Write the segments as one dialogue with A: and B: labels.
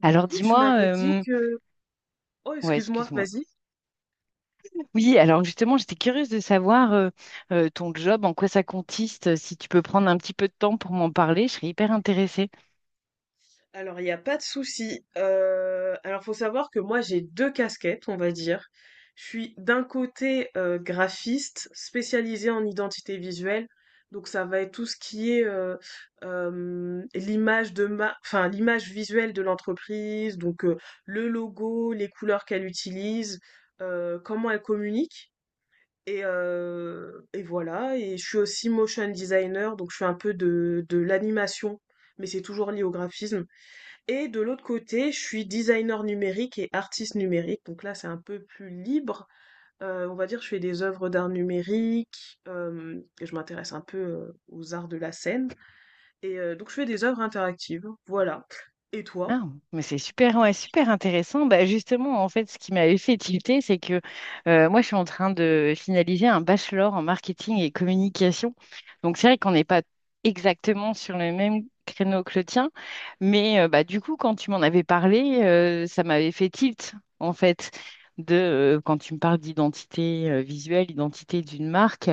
A: Du
B: Alors
A: coup, tu
B: dis-moi,
A: m'avais dit que... Oh,
B: ouais,
A: excuse-moi,
B: excuse-moi.
A: vas-y.
B: Oui, alors justement, j'étais curieuse de savoir ton job, en quoi ça consiste. Si tu peux prendre un petit peu de temps pour m'en parler, je serais hyper intéressée.
A: Alors, il n'y a pas de souci. Faut savoir que moi, j'ai deux casquettes, on va dire. Je suis d'un côté graphiste spécialisée en identité visuelle. Donc, ça va être tout ce qui est l'image de ma, l'image visuelle de l'entreprise, donc le logo, les couleurs qu'elle utilise, comment elle communique. Et voilà et je suis aussi motion designer, donc je fais un peu de l'animation, mais c'est toujours lié au graphisme. Et de l'autre côté, je suis designer numérique et artiste numérique, donc là, c'est un peu plus libre. On va dire, je fais des œuvres d'art numérique, hem et je m'intéresse un peu, aux arts de la scène et donc je fais des œuvres interactives, voilà. Et
B: Ah,
A: toi?
B: mais c'est super, ouais, super intéressant. Bah, justement, en fait, ce qui m'avait fait tilter, c'est que moi, je suis en train de finaliser un bachelor en marketing et communication. Donc, c'est vrai qu'on n'est pas exactement sur le même créneau que le tien, mais bah, du coup, quand tu m'en avais parlé, ça m'avait fait tilt, en fait, de quand tu me parles d'identité visuelle, identité d'une marque,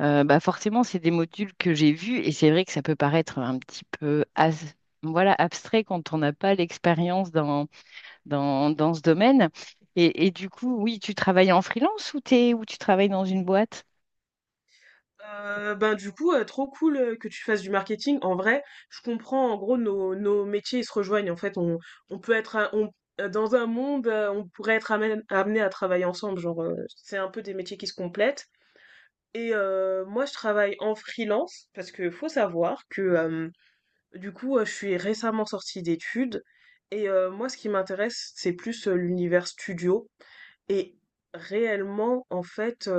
B: bah, forcément, c'est des modules que j'ai vus et c'est vrai que ça peut paraître un petit peu as voilà, abstrait quand on n'a pas l'expérience dans ce domaine. Et du coup, oui, tu travailles en freelance ou tu travailles dans une boîte?
A: Ben du coup, trop cool que tu fasses du marketing. En vrai, je comprends. En gros, nos métiers ils se rejoignent. En fait, on peut dans un monde, on pourrait être amené à travailler ensemble. Genre, c'est un peu des métiers qui se complètent. Et moi, je travaille en freelance parce que faut savoir que je suis récemment sortie d'études. Et moi, ce qui m'intéresse, c'est plus l'univers studio. Et réellement, en fait.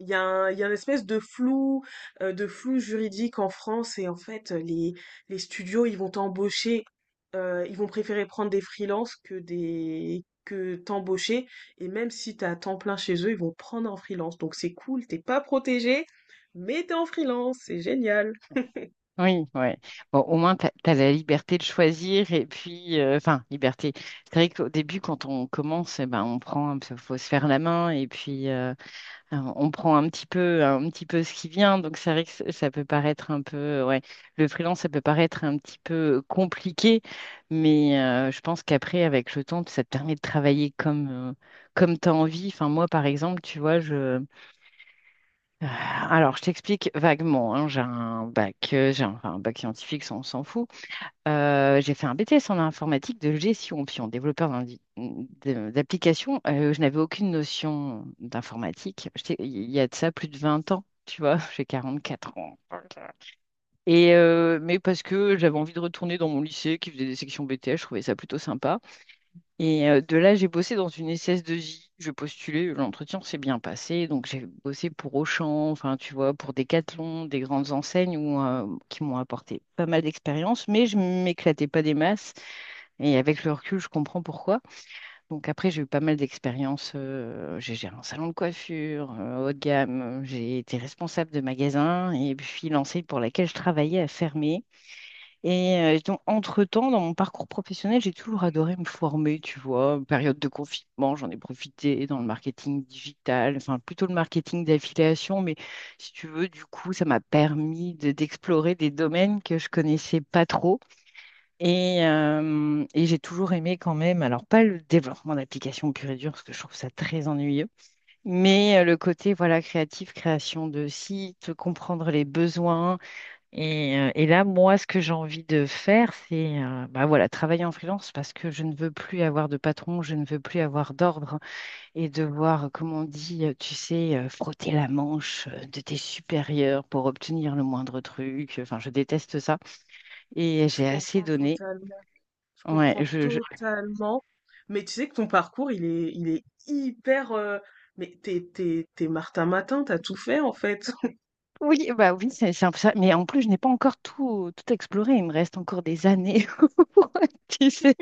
A: Il y a une espèce de flou juridique en France. Et les studios ils vont t'embaucher, ils vont préférer prendre des freelances que t'embaucher, et même si t'as à temps plein chez eux ils vont prendre en freelance. Donc c'est cool, t'es pas protégé mais t'es en freelance, c'est génial.
B: Oui, ouais. Bon, au moins, tu as la liberté de choisir et puis, enfin, liberté. C'est vrai qu'au début, quand on commence, eh ben, on prend faut se faire la main et puis, alors, on prend un petit peu ce qui vient, donc c'est vrai que ça peut paraître un peu, ouais, le freelance, ça peut paraître un petit peu compliqué, mais je pense qu'après, avec le temps, ça te permet de travailler comme tu as envie. Enfin, moi, par exemple, tu vois, alors je t'explique vaguement, hein, j'ai un bac, j'ai un, enfin, un bac scientifique, ça, on s'en fout, j'ai fait un BTS en informatique de gestion, puis en développeur d'applications. Je n'avais aucune notion d'informatique. Il y a de ça plus de 20 ans, tu vois, j'ai 44 ans. Et mais parce que j'avais envie de retourner dans mon lycée qui faisait des sections BTS, je trouvais ça plutôt sympa. Et de là, j'ai bossé dans une SS2I. Je postulais, l'entretien s'est bien passé. Donc, j'ai bossé pour Auchan, enfin, tu vois, pour Decathlon, des grandes enseignes où, qui m'ont apporté pas mal d'expérience, mais je m'éclatais pas des masses. Et avec le recul, je comprends pourquoi. Donc, après, j'ai eu pas mal d'expériences. J'ai géré un salon de coiffure, haut de gamme. J'ai été responsable de magasin. Et puis, l'enseigne pour laquelle je travaillais a fermé. Et donc, entre-temps, dans mon parcours professionnel, j'ai toujours adoré me former, tu vois. Période de confinement, j'en ai profité dans le marketing digital, enfin plutôt le marketing d'affiliation, mais si tu veux, du coup, ça m'a permis d'explorer des domaines que je connaissais pas trop. Et j'ai toujours aimé quand même, alors pas le développement d'applications pur et dur, parce que je trouve ça très ennuyeux, mais le côté, voilà, créatif, création de sites, comprendre les besoins et là, moi, ce que j'ai envie de faire, c'est bah voilà, travailler en freelance parce que je ne veux plus avoir de patron, je ne veux plus avoir d'ordre et devoir, comme on dit, tu sais, frotter la manche de tes supérieurs pour obtenir le moindre truc. Enfin, je déteste ça et
A: Je
B: j'ai assez
A: comprends
B: donné.
A: totalement. Je
B: Ouais,
A: comprends
B: je, je-
A: totalement. Mais tu sais que ton parcours, il est hyper. Mais t'es Martin Matin, t'as tout fait en fait.
B: Oui, bah oui, c'est un peu ça. Mais en plus, je n'ai pas encore tout, tout exploré. Il me reste encore des années. Tu sais,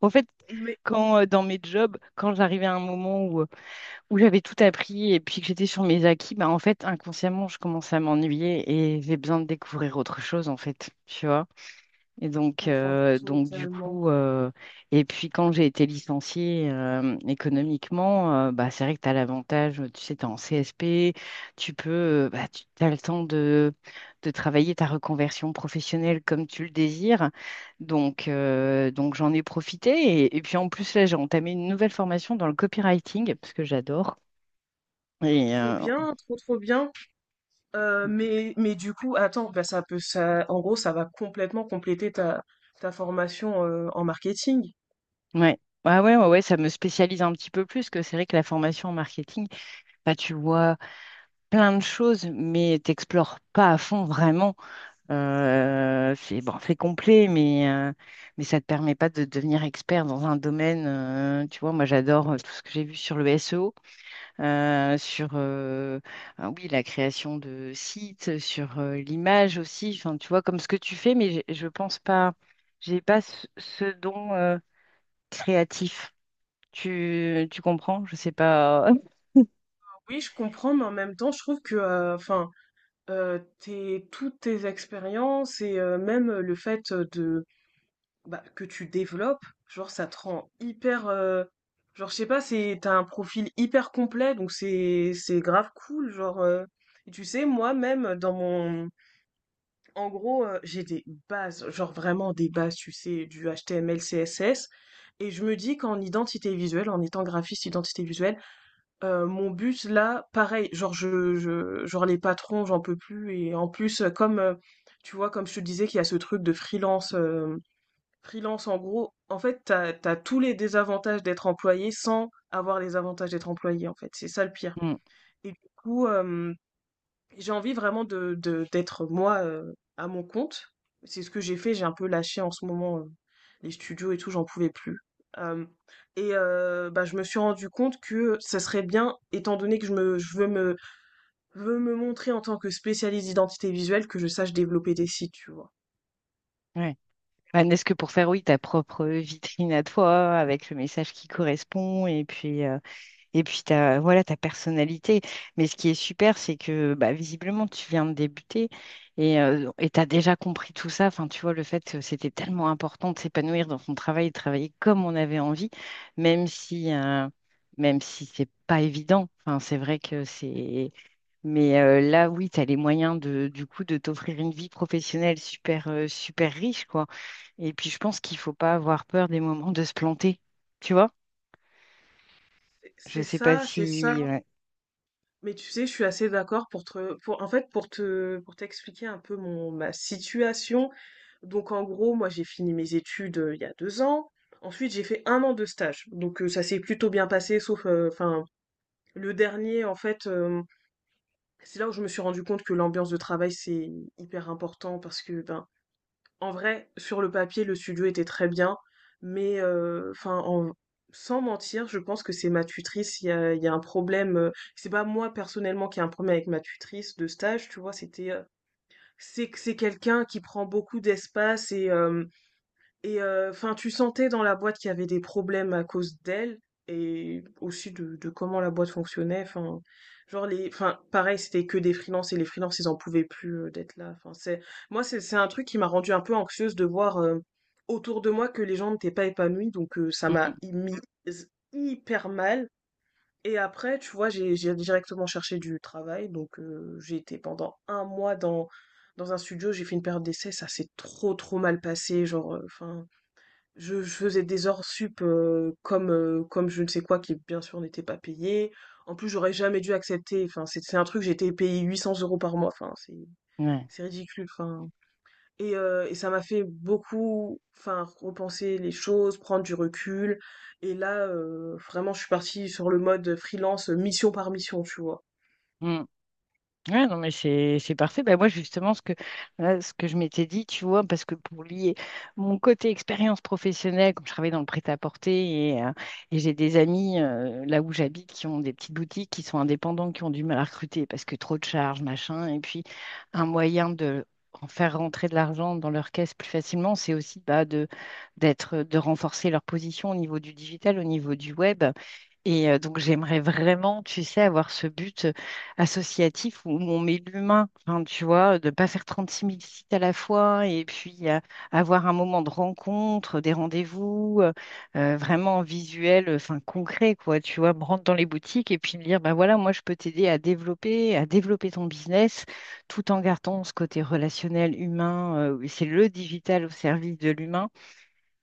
B: en fait, quand dans mes jobs, quand j'arrivais à un moment où j'avais tout appris et puis que j'étais sur mes acquis, bah en fait, inconsciemment, je commençais à m'ennuyer et j'ai besoin de découvrir autre chose, en fait, tu vois. Et donc,
A: Comprends
B: euh, donc du
A: totalement.
B: coup, et puis quand j'ai été licenciée économiquement, bah, c'est vrai que tu as l'avantage, tu sais, tu es en CSP, tu peux, bah, tu as le temps de travailler ta reconversion professionnelle comme tu le désires. Donc, j'en ai profité. Et puis en plus, là, j'ai entamé une nouvelle formation dans le copywriting, parce que j'adore.
A: Oh,
B: Et
A: trop
B: euh,
A: bien, trop bien. Mais du coup, attends, bah ça peut ça en gros, ça va complètement compléter ta formation en marketing.
B: ouais. Ah ouais, ouais, ouais, ça me spécialise un petit peu plus, que c'est vrai que la formation en marketing, bah, tu vois plein de choses, mais t'explores pas à fond vraiment. C'est bon, c'est complet, mais ça te permet pas de devenir expert dans un domaine. Tu vois, moi j'adore tout ce que j'ai vu sur le SEO, sur ah oui, la création de sites, sur l'image aussi, enfin, tu vois, comme ce que tu fais, mais je pense pas, j'ai pas ce don créatif. Tu comprends? Je sais pas.
A: Oui, je comprends, mais en même temps, je trouve que, tes toutes tes expériences et même le fait, de bah, que tu développes, genre ça te rend hyper, genre je sais pas, c'est t'as un profil hyper complet. Donc c'est grave cool genre, et tu sais moi-même dans mon en gros, j'ai des bases, genre vraiment des bases, tu sais, du HTML, CSS. Et je me dis qu'en identité visuelle, en étant graphiste identité visuelle, mon but là, pareil, genre je genre les patrons, j'en peux plus. Et en plus, tu vois, comme je te disais qu'il y a ce truc de freelance, freelance en gros, en fait, t'as tous les désavantages d'être employé sans avoir les avantages d'être employé, en fait. C'est ça le pire
B: Mm,
A: et du coup, euh, j'ai envie vraiment d'être moi à mon compte. C'est ce que j'ai fait, j'ai un peu lâché en ce moment les studios et tout, j'en pouvais plus. Euh, Bah, je me suis rendu compte que ça serait bien, étant donné que je me, je veux me montrer en tant que spécialiste d'identité visuelle, que je sache développer des sites, tu vois.
B: ouais. Bah, n'est-ce que pour faire, oui, ta propre vitrine à toi, avec le message qui correspond, et puis, et puis ta, voilà, ta personnalité. Mais ce qui est super, c'est que bah, visiblement, tu viens de débuter et tu as déjà compris tout ça. Enfin, tu vois, le fait que c'était tellement important de s'épanouir dans son travail, de travailler comme on avait envie, même si, euh, même si c'est pas évident. Enfin, c'est vrai que c'est. Mais là, oui, tu as les moyens de, du coup, de t'offrir une vie professionnelle super, super riche, quoi. Et puis, je pense qu'il faut pas avoir peur des moments de se planter. Tu vois? Je
A: C'est
B: sais pas
A: ça, c'est ça.
B: si... ouais.
A: Mais tu sais, je suis assez d'accord pour te, pour, en fait, pour te, pour t'expliquer un peu ma situation. Donc, en gros, moi, j'ai fini mes études il y a 2 ans. Ensuite, j'ai fait 1 an de stage. Donc, ça s'est plutôt bien passé, sauf, enfin, le dernier, en fait, c'est là où je me suis rendu compte que l'ambiance de travail, c'est hyper important parce que, ben, en vrai, sur le papier, le studio était très bien, mais sans mentir, je pense que c'est ma tutrice. Il y a un problème. C'est pas moi personnellement qui ai un problème avec ma tutrice de stage, tu vois. C'est quelqu'un qui prend beaucoup d'espace et enfin, tu sentais dans la boîte qu'il y avait des problèmes à cause d'elle et aussi de comment la boîte fonctionnait. Enfin, pareil, c'était que des freelances et les freelances, ils en pouvaient plus d'être là. C'est un truc qui m'a rendu un peu anxieuse de voir autour de moi que les gens n'étaient pas épanouis, donc ça m'a
B: Mm,
A: mis hyper mal. Et après, tu vois, j'ai directement cherché du travail, donc j'ai été pendant 1 mois dans dans un studio, j'ai fait une période d'essai, ça s'est trop mal passé, genre, je faisais des hors sup comme je ne sais quoi, qui bien sûr n'était pas payé. En plus, j'aurais jamais dû accepter. C'est un truc, j'ai été payé 800 € par mois.
B: ouais.
A: C'est ridicule. Et ça m'a fait beaucoup, enfin, repenser les choses, prendre du recul. Et là, vraiment, je suis partie sur le mode freelance, mission par mission, tu vois.
B: Mm. Ouais, non, mais c'est parfait. Bah, moi, justement, ce que je m'étais dit, tu vois, parce que pour lier mon côté expérience professionnelle, comme je travaille dans le prêt-à-porter et j'ai des amis là où j'habite qui ont des petites boutiques, qui sont indépendants, qui ont du mal à recruter parce que trop de charges, machin. Et puis, un moyen de en faire rentrer de l'argent dans leur caisse plus facilement, c'est aussi bah, de renforcer leur position au niveau du digital, au niveau du web. Et donc, j'aimerais vraiment, tu sais, avoir ce but associatif où on met l'humain, enfin, tu vois, de pas faire trente-six mille sites à la fois et puis avoir un moment de rencontre, des rendez-vous, vraiment visuel, enfin concret, quoi, tu vois, me rendre dans les boutiques et puis me dire, ben voilà, moi je peux t'aider à développer, ton business tout en gardant ce côté relationnel humain, c'est le digital au service de l'humain.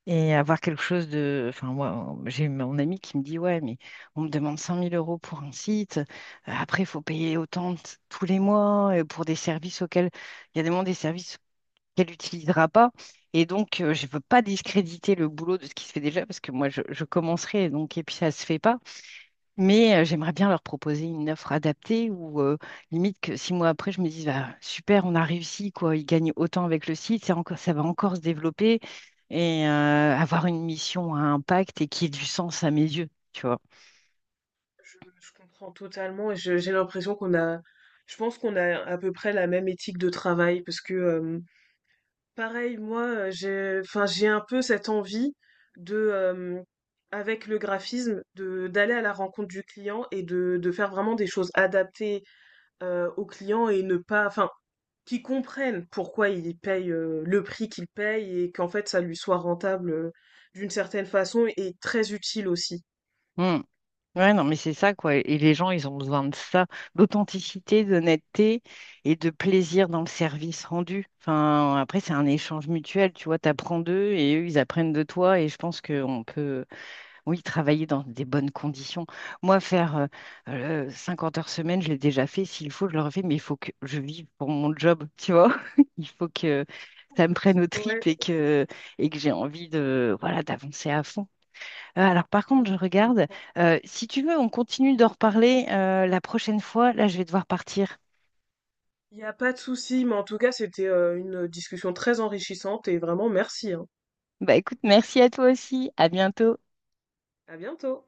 B: Et avoir quelque chose de... Enfin, moi, j'ai mon ami qui me dit, ouais, mais on me demande 100 000 euros pour un site. Après, il faut payer autant tous les mois pour des services auxquels... Il y a des moments des services qu'elle n'utilisera pas. Et donc, je ne veux pas discréditer le boulot de ce qui se fait déjà parce que moi, je commencerai. Donc, et puis, ça ne se fait pas. Mais j'aimerais bien leur proposer une offre adaptée ou limite que 6 mois après, je me dise, bah, super, on a réussi, quoi. Ils gagnent autant avec le site, c'est encore, ça va encore se développer et avoir une mission à impact et qui ait du sens à mes yeux, tu vois.
A: Je comprends totalement et j'ai l'impression qu'on a, je pense qu'on a à peu près la même éthique de travail parce que pareil, moi, j'ai un peu cette envie de, euh, avec le graphisme, de d'aller à la rencontre du client et de faire vraiment des choses adaptées au client et ne pas, enfin, qu'il comprennent pourquoi il paye le prix qu'il paye et qu'en fait ça lui soit rentable d'une certaine façon et très utile aussi.
B: Hmm. Ouais, non, mais c'est ça, quoi. Et les gens, ils ont besoin de ça, d'authenticité, d'honnêteté et de plaisir dans le service rendu. Enfin, après, c'est un échange mutuel, tu vois, t'apprends d'eux et eux, ils apprennent de toi. Et je pense qu'on peut. Oui, travailler dans des bonnes conditions. Moi, faire 50 heures semaine, je l'ai déjà fait. S'il faut, je le refais, mais il faut que je vive pour mon job, tu vois. Il faut que ça me prenne aux
A: Ouais,
B: tripes et que j'ai envie de, voilà, d'avancer à fond. Alors, par
A: oui,
B: contre, je
A: je
B: regarde.
A: comprends.
B: Si tu veux, on continue d'en reparler la prochaine fois. Là, je vais devoir partir.
A: Il n'y a pas de souci, mais en tout cas, c'était une discussion très enrichissante et vraiment merci, hein.
B: Bah écoute, merci à toi aussi. À bientôt.
A: À bientôt.